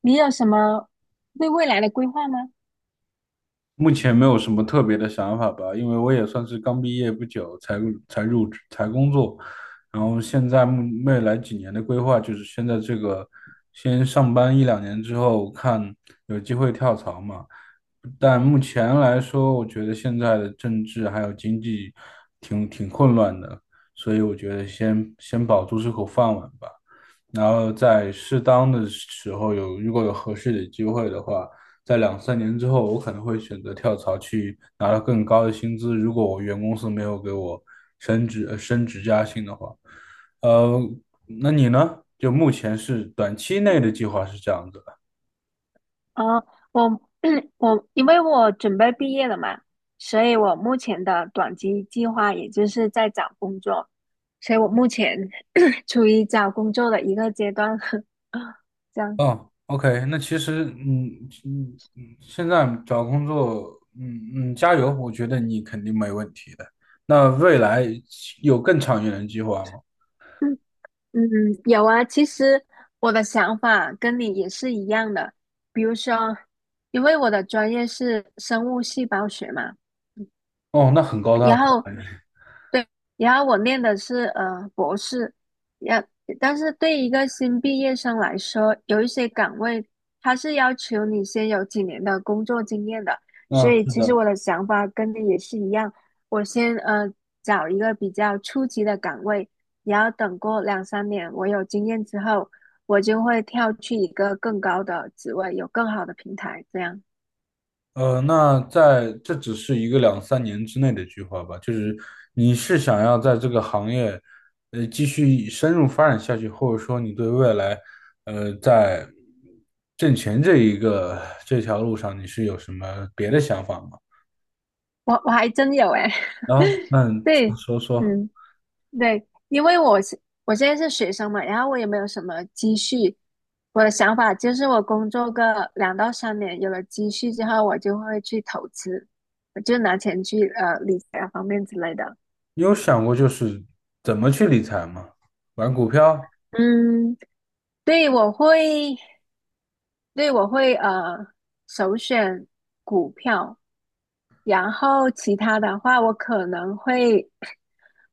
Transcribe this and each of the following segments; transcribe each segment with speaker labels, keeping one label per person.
Speaker 1: 你有什么对未来的规划吗？
Speaker 2: 目前没有什么特别的想法吧，因为我也算是刚毕业不久才入职才工作，然后现在未来几年的规划就是先在这个先上班一两年之后看有机会跳槽嘛。但目前来说，我觉得现在的政治还有经济挺混乱的，所以我觉得先保住这口饭碗吧。然后在适当的时候有，如果有合适的机会的话，在两三年之后，我可能会选择跳槽去拿到更高的薪资。如果我原公司没有给我升职加薪的话，呃，那你呢？就目前是短期内的计划是这样子的。
Speaker 1: 啊，我 我因为我准备毕业了嘛，所以我目前的短期计划也就是在找工作，所以我目前 处于找工作的一个阶段。这样，
Speaker 2: 哦，OK，那其实，现在找工作，嗯嗯，加油，我觉得你肯定没问题的。那未来有更长远的计划吗？
Speaker 1: 嗯嗯，有啊。其实我的想法跟你也是一样的，比如说，因为我的专业是生物细胞学嘛，
Speaker 2: 哦，那很高大
Speaker 1: 然
Speaker 2: 上
Speaker 1: 后。
Speaker 2: 哎
Speaker 1: 对，然后我念的是博士，然但是对一个新毕业生来说，有一些岗位它是要求你先有几年的工作经验的，所
Speaker 2: 嗯，
Speaker 1: 以
Speaker 2: 是
Speaker 1: 其实
Speaker 2: 的，
Speaker 1: 我的想法跟你也是一样，我先找一个比较初级的岗位，然后等过两三年我有经验之后，我就会跳去一个更高的职位，有更好的平台，这样
Speaker 2: 那在这只是一个两三年之内的计划吧，就是你是想要在这个行业，继续深入发展下去，或者说你对未来，在挣钱这一个这条路上，你是有什么别的想法吗？
Speaker 1: 我还真有哎，
Speaker 2: 然后，那 你
Speaker 1: 对，
Speaker 2: 说说，
Speaker 1: 嗯。对，因为我现在是学生嘛，然后我也没有什么积蓄。我的想法就是，我工作个两到三年，有了积蓄之后，我就会去投资，我就拿钱去理财方面之类的。
Speaker 2: 你有想过就是怎么去理财吗？玩股票？
Speaker 1: 嗯，对，我会，对，我会首选股票，然后其他的话，我可能会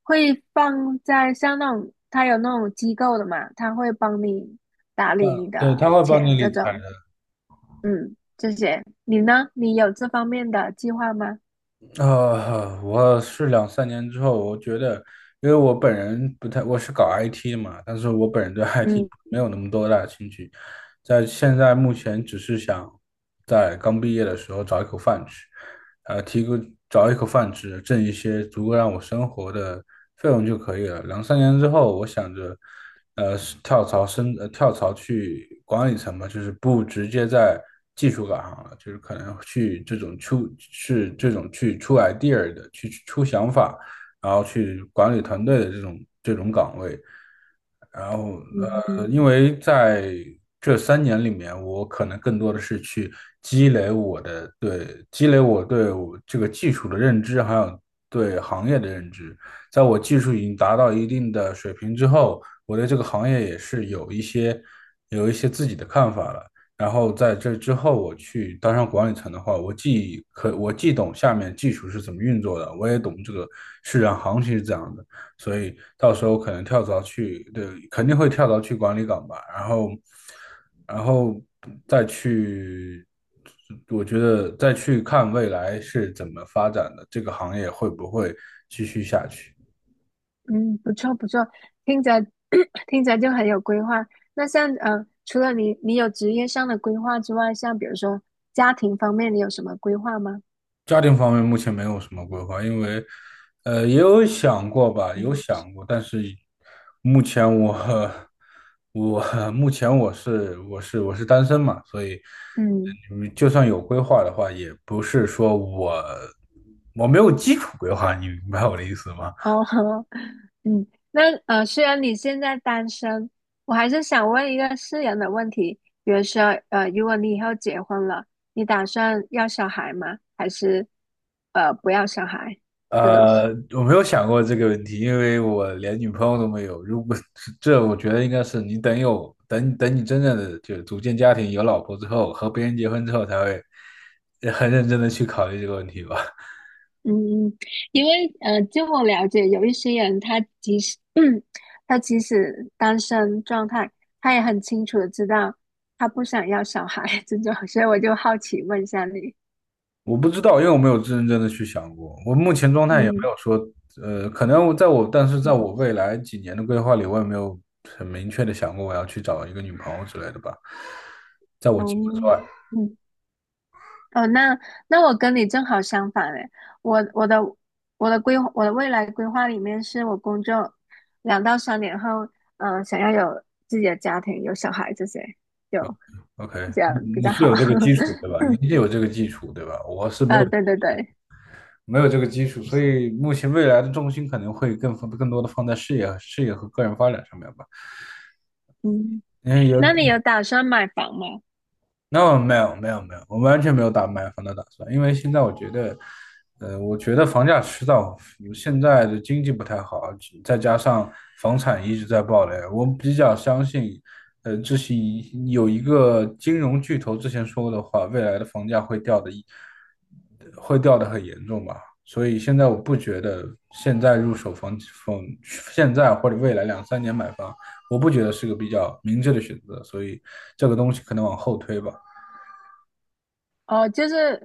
Speaker 1: 放在像那种他有那种机构的嘛，他会帮你打理
Speaker 2: 嗯，
Speaker 1: 你的
Speaker 2: 对，他会帮你
Speaker 1: 钱
Speaker 2: 理
Speaker 1: 这
Speaker 2: 财
Speaker 1: 种，
Speaker 2: 的。
Speaker 1: 嗯，这些。你呢？你有这方面的计划吗？
Speaker 2: 我是两三年之后，我觉得，因为我本人不太，我是搞 IT 的嘛，但是我本人对 IT
Speaker 1: 嗯
Speaker 2: 没有那么多大的兴趣，在现在目前只是想在刚毕业的时候找一口饭吃，呃，提供找一口饭吃，挣一些足够让我生活的费用就可以了。两三年之后，我想着，跳槽去管理层嘛，就是不直接在技术岗上了，就是可能去这种出，是这种去出 idea 的，去出想法，然后去管理团队的这种岗位。然后
Speaker 1: 嗯嗯，
Speaker 2: 因为在这三年里面，我可能更多的是去积累我对我这个技术的认知，还有对行业的认知。在我技术已经达到一定的水平之后，我对这个行业也是有一些自己的看法了。然后在这之后，我去当上管理层的话，我既懂下面技术是怎么运作的，我也懂这个市场行情是怎样的，所以到时候可能跳槽去，对，肯定会跳槽去管理岗吧，然后，然后再去，我觉得再去看未来是怎么发展的，这个行业会不会继续下去。
Speaker 1: 嗯，不错不错，听着 听着就很有规划。那像，除了你有职业上的规划之外，像比如说家庭方面，你有什么规划吗？
Speaker 2: 家庭方面目前没有什么规划，因为，也有想过吧，有
Speaker 1: 嗯
Speaker 2: 想过，但是目前我 我 目前我是单身嘛，所以
Speaker 1: 嗯。
Speaker 2: 就算有规划的话，也不是说我没有基础规划，你明白我的意思吗？
Speaker 1: 哦，嗯，那，虽然你现在单身，我还是想问一个私人的问题，比如说，呃，如果你以后结婚了，你打算要小孩吗？还是不要小孩这种？
Speaker 2: 呃，我没有想过这个问题，因为我连女朋友都没有。如果 这，我觉得应该是你等等你真正的就组建家庭、有老婆之后，和别人结婚之后，才会很认真的去考虑这个问题吧。
Speaker 1: 嗯，因为，据我了解，有一些人他即使 他即使单身状态，他也很清楚的知道他不想要小孩这种，所以我就好奇问一下你，
Speaker 2: 我不知道，因为我没有认真的去想过。我目前状态也没
Speaker 1: 嗯
Speaker 2: 有说，呃，可能我在我，但是在我未来几年的规划里，我也没有很明确的想过我要去找一个女朋友之类的吧。在我计划之
Speaker 1: 嗯
Speaker 2: 外。
Speaker 1: 嗯。哦，那那我跟你正好相反诶，我的我的规划我的未来规划里面是我工作两到三年后，想要有自己的家庭，有小孩这些，有
Speaker 2: OK，
Speaker 1: 这样比
Speaker 2: 你你
Speaker 1: 较
Speaker 2: 是
Speaker 1: 好。
Speaker 2: 有这个基础 对吧？你是有这个基础对吧？我是没
Speaker 1: 啊，
Speaker 2: 有
Speaker 1: 对对对，
Speaker 2: 没有这个基础，所以目前未来的重心可能会更多的放在事业和个人发展上面吧。
Speaker 1: 嗯，
Speaker 2: 嗯，有
Speaker 1: 那你有打算买房吗？
Speaker 2: ，no 没有没有没有，我完全没有买房的打算，因为现在我觉得，我觉得房价迟早现在的经济不太好，再加上房产一直在暴雷，我比较相信。这是有一个金融巨头之前说过的话，未来的房价会掉的，会掉的很严重吧。所以现在我不觉得现在入手房房，现在或者未来两三年买房，我不觉得是个比较明智的选择。所以这个东西可能往后推吧。
Speaker 1: 哦，就是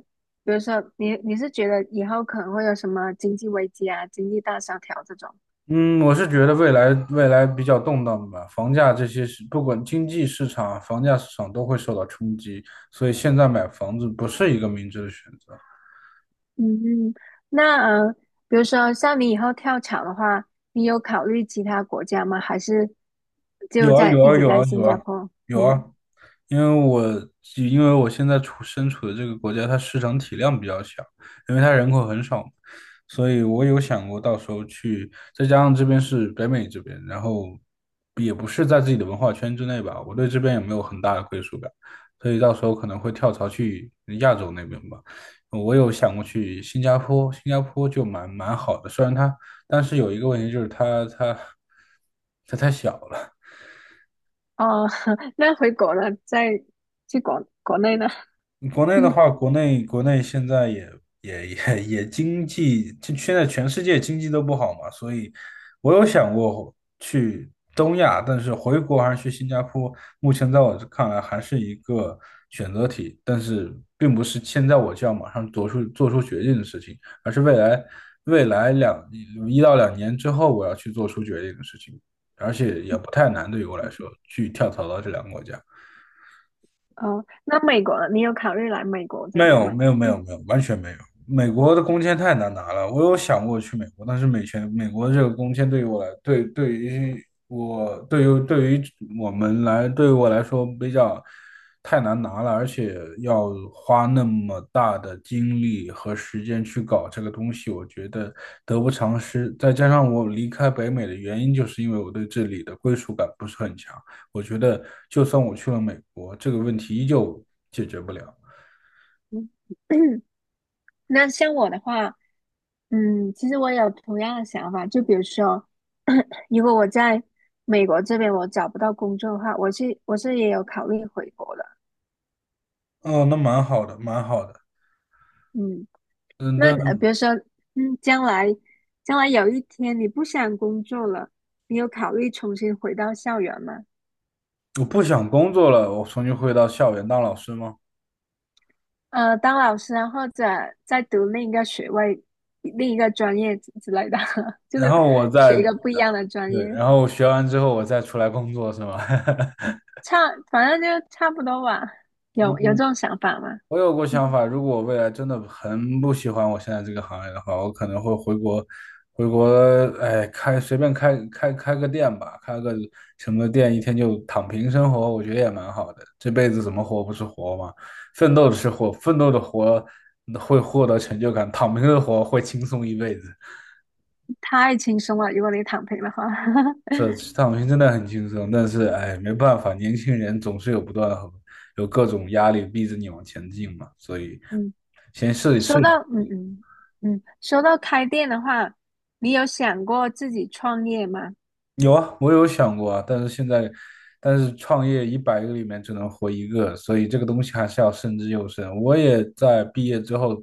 Speaker 1: 比如说你是觉得以后可能会有什么经济危机啊、经济大萧条这种？
Speaker 2: 嗯，我是觉得未来比较动荡吧，房价这些是不管经济市场、房价市场都会受到冲击，所以现在买房子不是一个明智的选择。
Speaker 1: 嗯，嗯，那呃，比如说像你以后跳槽的话，你有考虑其他国家吗？还是就
Speaker 2: 有啊
Speaker 1: 在
Speaker 2: 有
Speaker 1: 一
Speaker 2: 啊
Speaker 1: 直
Speaker 2: 有
Speaker 1: 在
Speaker 2: 啊
Speaker 1: 新
Speaker 2: 有
Speaker 1: 加
Speaker 2: 啊
Speaker 1: 坡？
Speaker 2: 有啊，
Speaker 1: 嗯，
Speaker 2: 因为我现在身处的这个国家，它市场体量比较小，因为它人口很少嘛，所以我有想过到时候去，再加上这边是北美这边，然后也不是在自己的文化圈之内吧，我对这边也没有很大的归属感，所以到时候可能会跳槽去亚洲那边吧。呃我有想过去新加坡，新加坡就蛮好的，虽然它，但是有一个问题就是它太小了。
Speaker 1: 哦，那回国了，再去国内呢？
Speaker 2: 国内的 话，国内现在也经济，就现在全世界经济都不好嘛，所以我有想过去东亚，但是回国还是去新加坡，目前在我这看来还是一个选择题，但是并不是现在我就要马上做出决定的事情，而是未来一到两年之后我要去做出决定的事情，而且也不太难，对于我来说，去跳槽到这两个国家。
Speaker 1: 哦，那美国了，你有考虑来美国这
Speaker 2: 没
Speaker 1: 边
Speaker 2: 有，
Speaker 1: 吗？
Speaker 2: 没有，没有，
Speaker 1: 嗯
Speaker 2: 没有，完全没有。美国的工签太难拿了，我有想过去美国，但是美国这个工签对于我来，对对于我对于对于我们来，对于我来说比较太难拿了，而且要花那么大的精力和时间去搞这个东西，我觉得得不偿失。再加上我离开北美的原因，就是因为我对这里的归属感不是很强。我觉得就算我去了美国，这个问题依旧解决不了。
Speaker 1: 嗯，那像我的话，嗯，其实我有同样的想法，就比如说，如果我在美国这边我找不到工作的话，我也有考虑回国的，
Speaker 2: 哦，那蛮好的，蛮好的。
Speaker 1: 嗯。
Speaker 2: 嗯，但
Speaker 1: 那，比如说，嗯，将来有一天你不想工作了，你有考虑重新回到校园吗？
Speaker 2: 我不想工作了，我重新回到校园当老师吗？
Speaker 1: 呃，当老师啊，或者再读另一个学位、另一个专业之类的，就
Speaker 2: 然
Speaker 1: 是
Speaker 2: 后我再，
Speaker 1: 学一个不一样的专
Speaker 2: 对，
Speaker 1: 业，
Speaker 2: 然后学完之后我再出来工作是吗？
Speaker 1: 差，反正就差不多吧。有这种想法吗？
Speaker 2: 我有过想法，如果我未来真的很不喜欢我现在这个行业的话，我可能会回国，回国，哎，随便开个店吧，开个什么店，一天就躺平生活，我觉得也蛮好的。这辈子怎么活不是活嘛？奋斗是活，奋斗的活会获得成就感，躺平的活会轻松一辈子。
Speaker 1: 太轻松了，如果你躺平的话。
Speaker 2: 是，躺平真的很轻松，但是哎，没办法，年轻人总是有不断的有各种压力逼着你往前进嘛，所以。
Speaker 1: 嗯，说到嗯嗯嗯，说到开店的话，你有想过自己创业吗？
Speaker 2: 有啊，我有想过啊，但是现在，但是创业一百个里面只能活一个，所以这个东西还是要慎之又慎。我也在毕业之后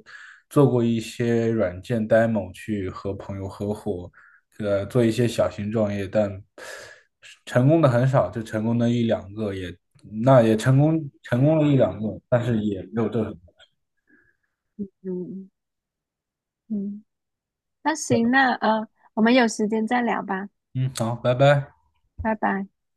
Speaker 2: 做过一些软件 demo，去和朋友合伙，做一些小型创业，但成功的很少，就成功的一两个也，那也成功了一两个，但是也没有做什么。
Speaker 1: 嗯嗯。那行，那，我们有时间再聊吧，
Speaker 2: 嗯，好，拜拜。
Speaker 1: 拜拜。